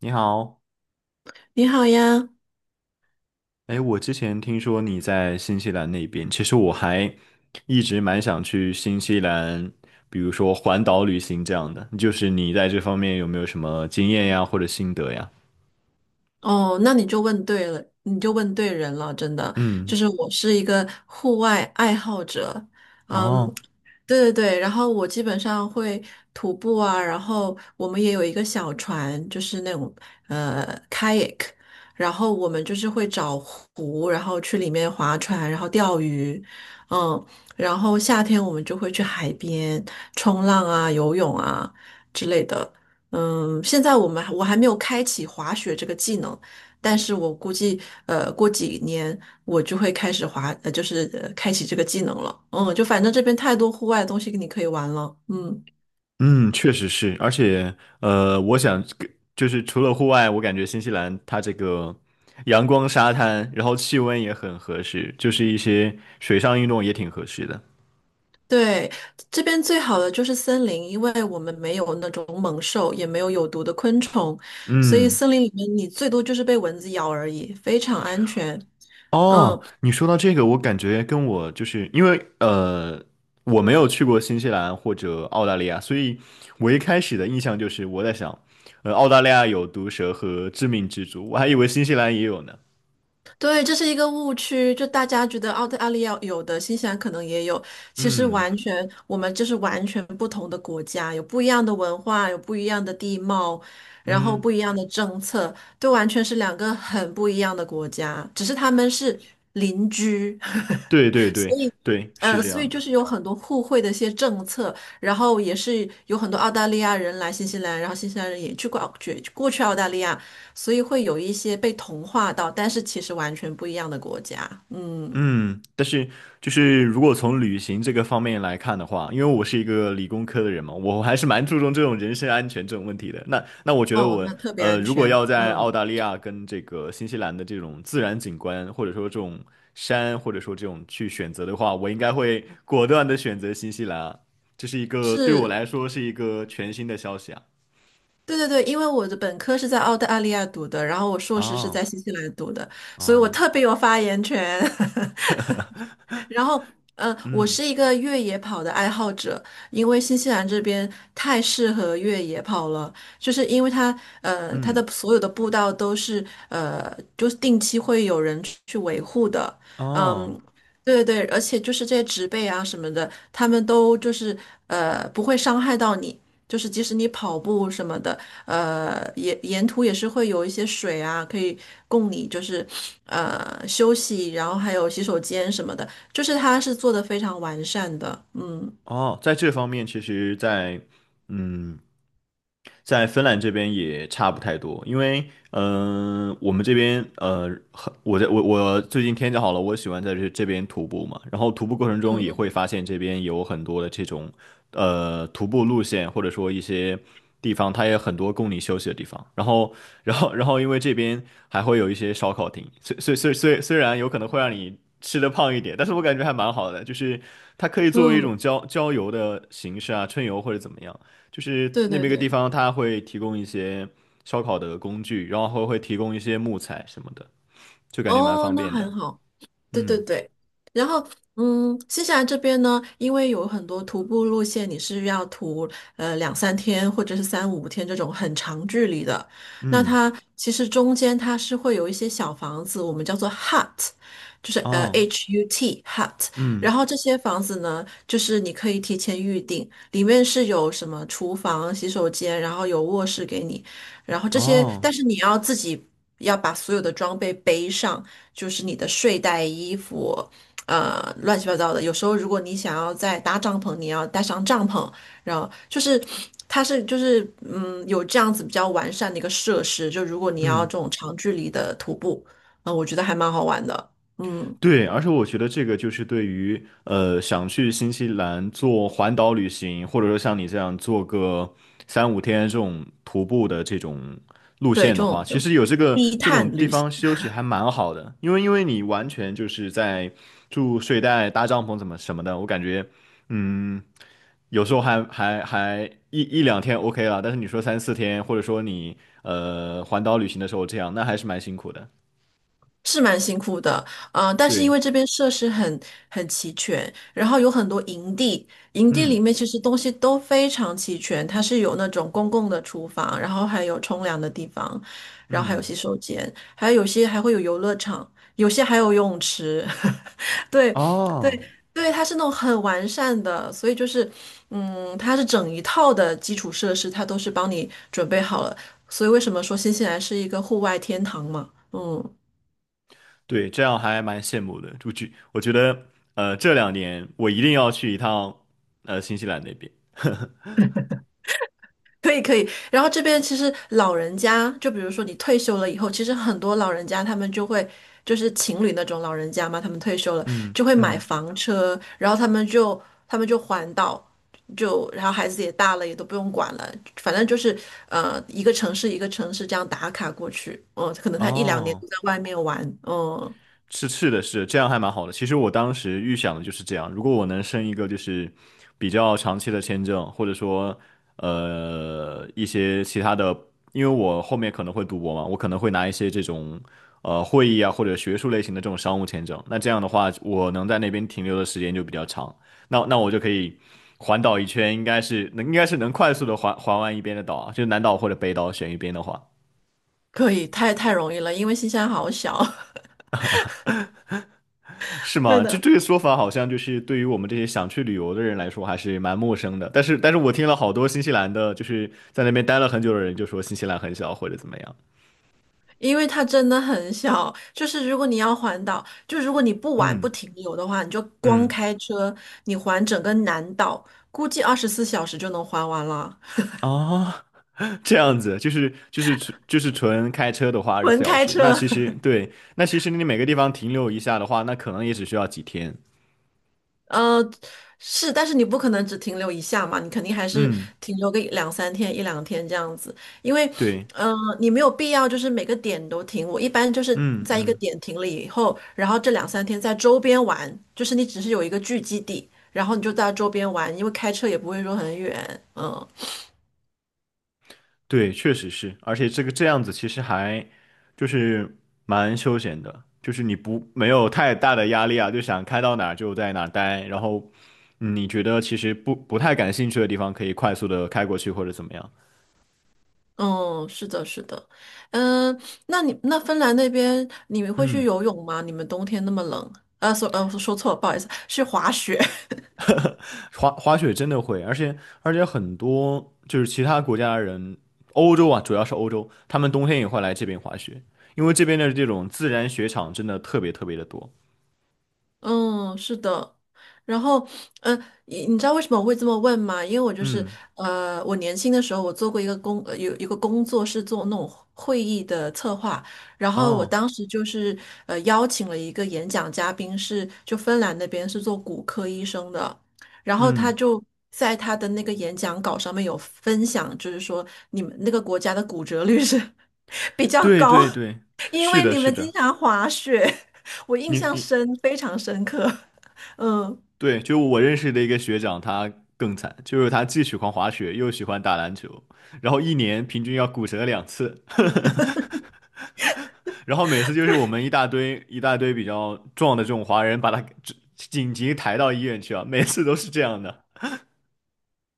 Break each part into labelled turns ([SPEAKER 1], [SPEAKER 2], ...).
[SPEAKER 1] 你好。
[SPEAKER 2] 你好呀。
[SPEAKER 1] 哎，我之前听说你在新西兰那边，其实我还一直蛮想去新西兰，比如说环岛旅行这样的。就是你在这方面有没有什么经验呀，或者心得呀？
[SPEAKER 2] 哦，那你就问对了，你就问对人了，真的，
[SPEAKER 1] 嗯。
[SPEAKER 2] 就是我是一个户外爱好者。嗯，
[SPEAKER 1] 哦。
[SPEAKER 2] 对对对，然后我基本上会徒步啊，然后我们也有一个小船，就是那种kayak,然后我们就是会找湖，然后去里面划船，然后钓鱼。嗯，然后夏天我们就会去海边冲浪啊、游泳啊之类的。嗯，现在我还没有开启滑雪这个技能，但是我估计过几年。我就会开始滑，就是开启这个技能了。嗯，就反正这边太多户外的东西你可以玩了。嗯，
[SPEAKER 1] 嗯，确实是。而且我想跟就是除了户外，我感觉新西兰它这个阳光、沙滩，然后气温也很合适，就是一些水上运动也挺合适的。
[SPEAKER 2] 对，这边最好的就是森林，因为我们没有那种猛兽，也没有有毒的昆虫，所以
[SPEAKER 1] 嗯。
[SPEAKER 2] 森林里面你最多就是被蚊子咬而已，非常安全。
[SPEAKER 1] 哦，
[SPEAKER 2] 嗯，
[SPEAKER 1] 你说到这个，我感觉跟我就是因为我没有去过新西兰或者澳大利亚，所以我一开始的印象就是我在想，澳大利亚有毒蛇和致命蜘蛛，我还以为新西兰也有呢。
[SPEAKER 2] 对，这是一个误区，就大家觉得澳大利亚有的，新西兰可能也有，其实
[SPEAKER 1] 嗯
[SPEAKER 2] 完全我们就是完全不同的国家，有不一样的文化，有不一样的地貌，然后
[SPEAKER 1] 嗯，
[SPEAKER 2] 不一样的政策，都完全是两个很不一样的国家，只是他们是邻居。
[SPEAKER 1] 对对对对，是这
[SPEAKER 2] 所
[SPEAKER 1] 样
[SPEAKER 2] 以
[SPEAKER 1] 的。
[SPEAKER 2] 就是有很多互惠的一些政策，然后也是有很多澳大利亚人来新西兰，然后新西兰人也去过澳去澳大利亚，所以会有一些被同化到，但是其实完全不一样的国家。嗯，
[SPEAKER 1] 嗯，但是就是如果从旅行这个方面来看的话，因为我是一个理工科的人嘛，我还是蛮注重这种人身安全这种问题的。那我觉得
[SPEAKER 2] 哦，那特别安
[SPEAKER 1] 如果
[SPEAKER 2] 全。
[SPEAKER 1] 要在澳
[SPEAKER 2] 嗯，
[SPEAKER 1] 大利亚跟这个新西兰的这种自然景观，或者说这种山，或者说这种去选择的话，我应该会果断的选择新西兰啊。这是一个对我
[SPEAKER 2] 是，
[SPEAKER 1] 来说是一个全新的消息啊。
[SPEAKER 2] 对对对，因为我的本科是在澳大利亚读的，然后我硕士是
[SPEAKER 1] 哦。
[SPEAKER 2] 在新西兰读的，所以我
[SPEAKER 1] 哦。
[SPEAKER 2] 特别有发言权。然后，我
[SPEAKER 1] 嗯。
[SPEAKER 2] 是一个越野跑的爱好者，因为新西兰这边太适合越野跑了，就是因为它，呃，它
[SPEAKER 1] 嗯。
[SPEAKER 2] 的所有的步道都是，呃，就是定期会有人去维护的。
[SPEAKER 1] 哦。
[SPEAKER 2] 嗯，对对对，而且就是这些植被啊什么的，他们都就是，呃，不会伤害到你。就是即使你跑步什么的，呃，沿途也是会有一些水啊，可以供你就是，呃，休息，然后还有洗手间什么的。就是它是做的非常完善的。嗯
[SPEAKER 1] 哦，在这方面，其实在，嗯，在芬兰这边也差不太多，因为，我们这边，很我在我我最近天气好了，我喜欢在这边徒步嘛，然后徒步过程中也会
[SPEAKER 2] 嗯
[SPEAKER 1] 发现这边有很多的这种，徒步路线，或者说一些地方，它也很多供你休息的地方，然后，因为这边还会有一些烧烤亭，虽然有可能会让你吃的胖一点，但是我感觉还蛮好的，就是它可以
[SPEAKER 2] 嗯
[SPEAKER 1] 作为一种
[SPEAKER 2] 嗯，
[SPEAKER 1] 郊游的形式啊，春游或者怎么样，就是
[SPEAKER 2] 对
[SPEAKER 1] 那
[SPEAKER 2] 对
[SPEAKER 1] 边一个地
[SPEAKER 2] 对。
[SPEAKER 1] 方它会提供一些烧烤的工具，然后会提供一些木材什么的，就感觉蛮
[SPEAKER 2] 哦，
[SPEAKER 1] 方
[SPEAKER 2] 那
[SPEAKER 1] 便的。
[SPEAKER 2] 很好。对对
[SPEAKER 1] 嗯。
[SPEAKER 2] 对，然后嗯，新西兰这边呢，因为有很多徒步路线，你是要徒两三天或者是三五天这种很长距离的，那
[SPEAKER 1] 嗯。
[SPEAKER 2] 它其实中间它是会有一些小房子，我们叫做 hut,就是
[SPEAKER 1] 哦。
[SPEAKER 2] HUT hut。然
[SPEAKER 1] 嗯。
[SPEAKER 2] 后这些房子呢，就是你可以提前预定，里面是有什么厨房、洗手间，然后有卧室给你。然后这些，
[SPEAKER 1] 哦。
[SPEAKER 2] 但是你要自己要把所有的装备背上，就是你的睡袋、衣服，呃，乱七八糟的。有时候如果你想要再搭帐篷，你要带上帐篷，然后就是它是就是嗯有这样子比较完善的一个设施，就如果你要
[SPEAKER 1] 嗯。
[SPEAKER 2] 这种长距离的徒步。我觉得还蛮好玩的。嗯，
[SPEAKER 1] 对，而且我觉得这个就是对于想去新西兰做环岛旅行，或者说像你这样做个3-5天这种徒步的这种路
[SPEAKER 2] 对，这
[SPEAKER 1] 线的
[SPEAKER 2] 种
[SPEAKER 1] 话，
[SPEAKER 2] 这
[SPEAKER 1] 其
[SPEAKER 2] 种
[SPEAKER 1] 实有这个
[SPEAKER 2] 低
[SPEAKER 1] 这种
[SPEAKER 2] 碳
[SPEAKER 1] 地
[SPEAKER 2] 旅行。
[SPEAKER 1] 方休息还蛮好的，因为你完全就是在住睡袋、搭帐篷怎么什么的，我感觉嗯。有时候还还还一两天 OK 了，但是你说3-4天，或者说你环岛旅行的时候这样，那还是蛮辛苦的。
[SPEAKER 2] 是蛮辛苦的。但是因
[SPEAKER 1] 对。
[SPEAKER 2] 为这边设施很齐全，然后有很多营地，营地里
[SPEAKER 1] 嗯。
[SPEAKER 2] 面其实东西都非常齐全，它是有那种公共的厨房，然后还有冲凉的地方，然后还有
[SPEAKER 1] 嗯。
[SPEAKER 2] 洗手间，还有有些还会有游乐场，有些还有游泳池。对对
[SPEAKER 1] 哦，
[SPEAKER 2] 对，它是那种很完善的，所以就是，嗯，它是整一套的基础设施，它都是帮你准备好了，所以为什么说新西兰是一个户外天堂嘛？嗯。
[SPEAKER 1] 对，这样还蛮羡慕的。我觉得，这两年我一定要去一趟，新西兰那边。
[SPEAKER 2] 可以可以，然后这边其实老人家，就比如说你退休了以后，其实很多老人家他们就会就是情侣那种老人家嘛，他们退休了
[SPEAKER 1] 嗯。
[SPEAKER 2] 就会买
[SPEAKER 1] 嗯。
[SPEAKER 2] 房车，然后他们就环岛，就然后孩子也大了，也都不用管了，反正就是一个城市一个城市这样打卡过去。嗯，可能他一两年
[SPEAKER 1] 哦。
[SPEAKER 2] 都在外面玩。嗯，
[SPEAKER 1] 是是的是这样还蛮好的。其实我当时预想的就是这样，如果我能申一个就是比较长期的签证，或者说一些其他的，因为我后面可能会读博嘛，我可能会拿一些这种会议啊或者学术类型的这种商务签证。那这样的话，我能在那边停留的时间就比较长，那我就可以环岛一圈，应该是能快速的环完一边的岛啊就南岛或者北岛选一边的话。
[SPEAKER 2] 可以，太容易了，因为新西兰好小。
[SPEAKER 1] 是
[SPEAKER 2] 对
[SPEAKER 1] 吗？就
[SPEAKER 2] 的。
[SPEAKER 1] 这个说法，好像就是对于我们这些想去旅游的人来说，还是蛮陌生的。但是，但是我听了好多新西兰的，就是在那边待了很久的人，就说新西兰很小或者怎么样。
[SPEAKER 2] 因为它真的很小，就是如果你要环岛，就如果你不玩不
[SPEAKER 1] 嗯。
[SPEAKER 2] 停留的话，你就光
[SPEAKER 1] 嗯。
[SPEAKER 2] 开车，你环整个南岛，估计24小时就能环完了。
[SPEAKER 1] 啊。这样子，就是就是纯就是纯开车的话，二十四
[SPEAKER 2] 纯
[SPEAKER 1] 小
[SPEAKER 2] 开
[SPEAKER 1] 时。那
[SPEAKER 2] 车。
[SPEAKER 1] 其 实对，那其实你每个地方停留一下的话，那可能也只需要几天。
[SPEAKER 2] 呃，是，但是你不可能只停留一下嘛，你肯定还是
[SPEAKER 1] 嗯。
[SPEAKER 2] 停留个一两三天、一两天这样子，因为，
[SPEAKER 1] 对。
[SPEAKER 2] 呃，你没有必要就是每个点都停。我一般就是
[SPEAKER 1] 嗯。
[SPEAKER 2] 在一个
[SPEAKER 1] 嗯。
[SPEAKER 2] 点停了以后，然后这两三天在周边玩，就是你只是有一个聚集地，然后你就在周边玩，因为开车也不会说很远。嗯
[SPEAKER 1] 对，确实是，而且这个这样子其实还就是蛮休闲的，就是你不没有太大的压力啊，就想开到哪儿就在哪儿待，然后你觉得其实不太感兴趣的地方可以快速的开过去或者怎么样。
[SPEAKER 2] 嗯，是的，是的。嗯，那芬兰那边你们会去
[SPEAKER 1] 嗯，
[SPEAKER 2] 游泳吗？你们冬天那么冷，说错了，不好意思，去滑雪。
[SPEAKER 1] 滑雪真的会，而且很多就是其他国家的人，欧洲啊，主要是欧洲，他们冬天也会来这边滑雪，因为这边的这种自然雪场真的特别特别的多。
[SPEAKER 2] 嗯，是的。然后，呃，你你知道为什么我会这么问吗？因为我就是，
[SPEAKER 1] 嗯。
[SPEAKER 2] 我年轻的时候，我做过一个工，有一个工作是做那种会议的策划，然后我
[SPEAKER 1] 哦。
[SPEAKER 2] 当时就是，邀请了一个演讲嘉宾是，就芬兰那边是做骨科医生的，然后他
[SPEAKER 1] 嗯。
[SPEAKER 2] 就在他的那个演讲稿上面有分享，就是说你们那个国家的骨折率是 比较
[SPEAKER 1] 对
[SPEAKER 2] 高，
[SPEAKER 1] 对对，
[SPEAKER 2] 因
[SPEAKER 1] 是
[SPEAKER 2] 为
[SPEAKER 1] 的，
[SPEAKER 2] 你
[SPEAKER 1] 是
[SPEAKER 2] 们经
[SPEAKER 1] 的，
[SPEAKER 2] 常滑雪。我印
[SPEAKER 1] 你
[SPEAKER 2] 象
[SPEAKER 1] 你
[SPEAKER 2] 非常深刻。嗯，
[SPEAKER 1] 对，就我认识的一个学长，他更惨，就是他既喜欢滑雪，又喜欢打篮球，然后一年平均要骨折两次，然后每次就是我们一大堆一大堆比较壮的这种华人，把他给紧急抬到医院去啊，每次都是这样的。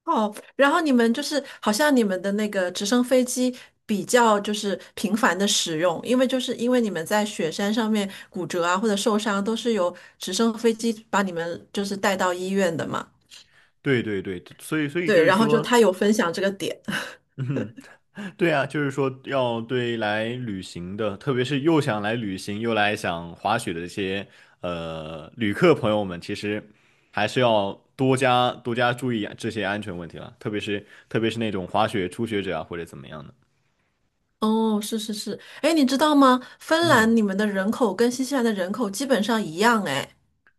[SPEAKER 2] 哦，然后你们就是好像你们的那个直升飞机比较就是频繁的使用，因为就是因为你们在雪山上面骨折啊或者受伤，都是由直升飞机把你们就是带到医院的嘛。
[SPEAKER 1] 对对对，所以
[SPEAKER 2] 对，
[SPEAKER 1] 就是
[SPEAKER 2] 然后就
[SPEAKER 1] 说，
[SPEAKER 2] 他有分享这个点。
[SPEAKER 1] 嗯哼。对啊，就是说要对来旅行的，特别是又想来旅行又来想滑雪的这些旅客朋友们，其实还是要多加注意这些安全问题了，特别是那种滑雪初学者啊或者怎么样的。
[SPEAKER 2] 哦，是是是，哎，你知道吗？芬
[SPEAKER 1] 嗯。
[SPEAKER 2] 兰你们的人口跟新西兰的人口基本上一样。哎，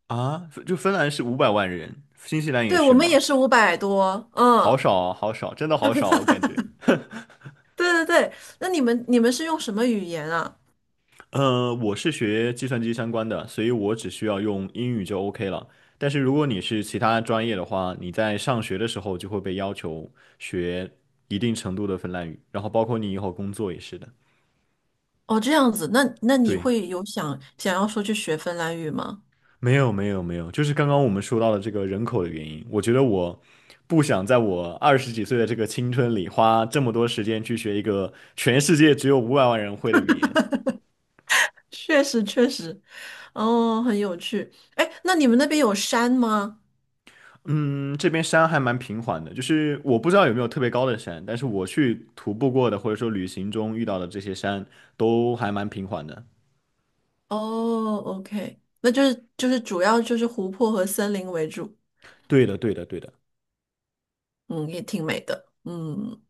[SPEAKER 1] 啊，就芬兰是五百万人，新西兰也
[SPEAKER 2] 对，我
[SPEAKER 1] 是
[SPEAKER 2] 们
[SPEAKER 1] 吗？
[SPEAKER 2] 也是500多。
[SPEAKER 1] 好
[SPEAKER 2] 嗯。
[SPEAKER 1] 少啊，好少，真的好少，我感觉。
[SPEAKER 2] 对对对，那你们是用什么语言啊？
[SPEAKER 1] 我是学计算机相关的，所以我只需要用英语就 OK 了。但是如果你是其他专业的话，你在上学的时候就会被要求学一定程度的芬兰语，然后包括你以后工作也是的。
[SPEAKER 2] 哦，这样子，那那你
[SPEAKER 1] 对，
[SPEAKER 2] 会有想要说去学芬兰语吗？
[SPEAKER 1] 没有没有没有，就是刚刚我们说到的这个人口的原因，我觉得我不想在我20几岁的这个青春里花这么多时间去学一个全世界只有五百万人会的语言。
[SPEAKER 2] 确实确实。哦，很有趣。哎，那你们那边有山吗？
[SPEAKER 1] 嗯，这边山还蛮平缓的，就是我不知道有没有特别高的山，但是我去徒步过的或者说旅行中遇到的这些山都还蛮平缓的。
[SPEAKER 2] 哦，OK,那就是就是主要就是湖泊和森林为主。
[SPEAKER 1] 对的，对的，对的。
[SPEAKER 2] 嗯，也挺美的。嗯，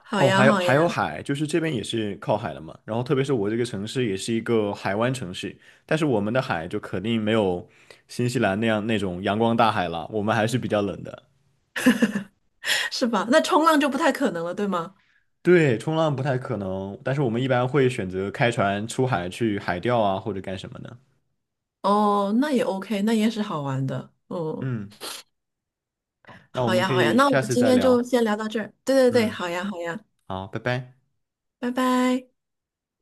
[SPEAKER 2] 好
[SPEAKER 1] 哦，
[SPEAKER 2] 呀
[SPEAKER 1] 还有
[SPEAKER 2] 好
[SPEAKER 1] 还有
[SPEAKER 2] 呀。
[SPEAKER 1] 海，就是这边也是靠海的嘛。然后特别是我这个城市也是一个海湾城市，但是我们的海就肯定没有新西兰那样那种阳光大海了，我们还是比较冷的。
[SPEAKER 2] 是吧？那冲浪就不太可能了，对吗？
[SPEAKER 1] 对，冲浪不太可能，但是我们一般会选择开船出海去海钓啊，或者干什么的。
[SPEAKER 2] 哦，那也 OK,那也是好玩的。嗯，
[SPEAKER 1] 嗯，那我
[SPEAKER 2] 好
[SPEAKER 1] 们
[SPEAKER 2] 呀
[SPEAKER 1] 可
[SPEAKER 2] 好呀，
[SPEAKER 1] 以
[SPEAKER 2] 那我们
[SPEAKER 1] 下次
[SPEAKER 2] 今
[SPEAKER 1] 再
[SPEAKER 2] 天就
[SPEAKER 1] 聊。
[SPEAKER 2] 先聊到这儿。对对对，
[SPEAKER 1] 嗯，
[SPEAKER 2] 好呀好呀。
[SPEAKER 1] 好，拜拜。
[SPEAKER 2] 拜拜。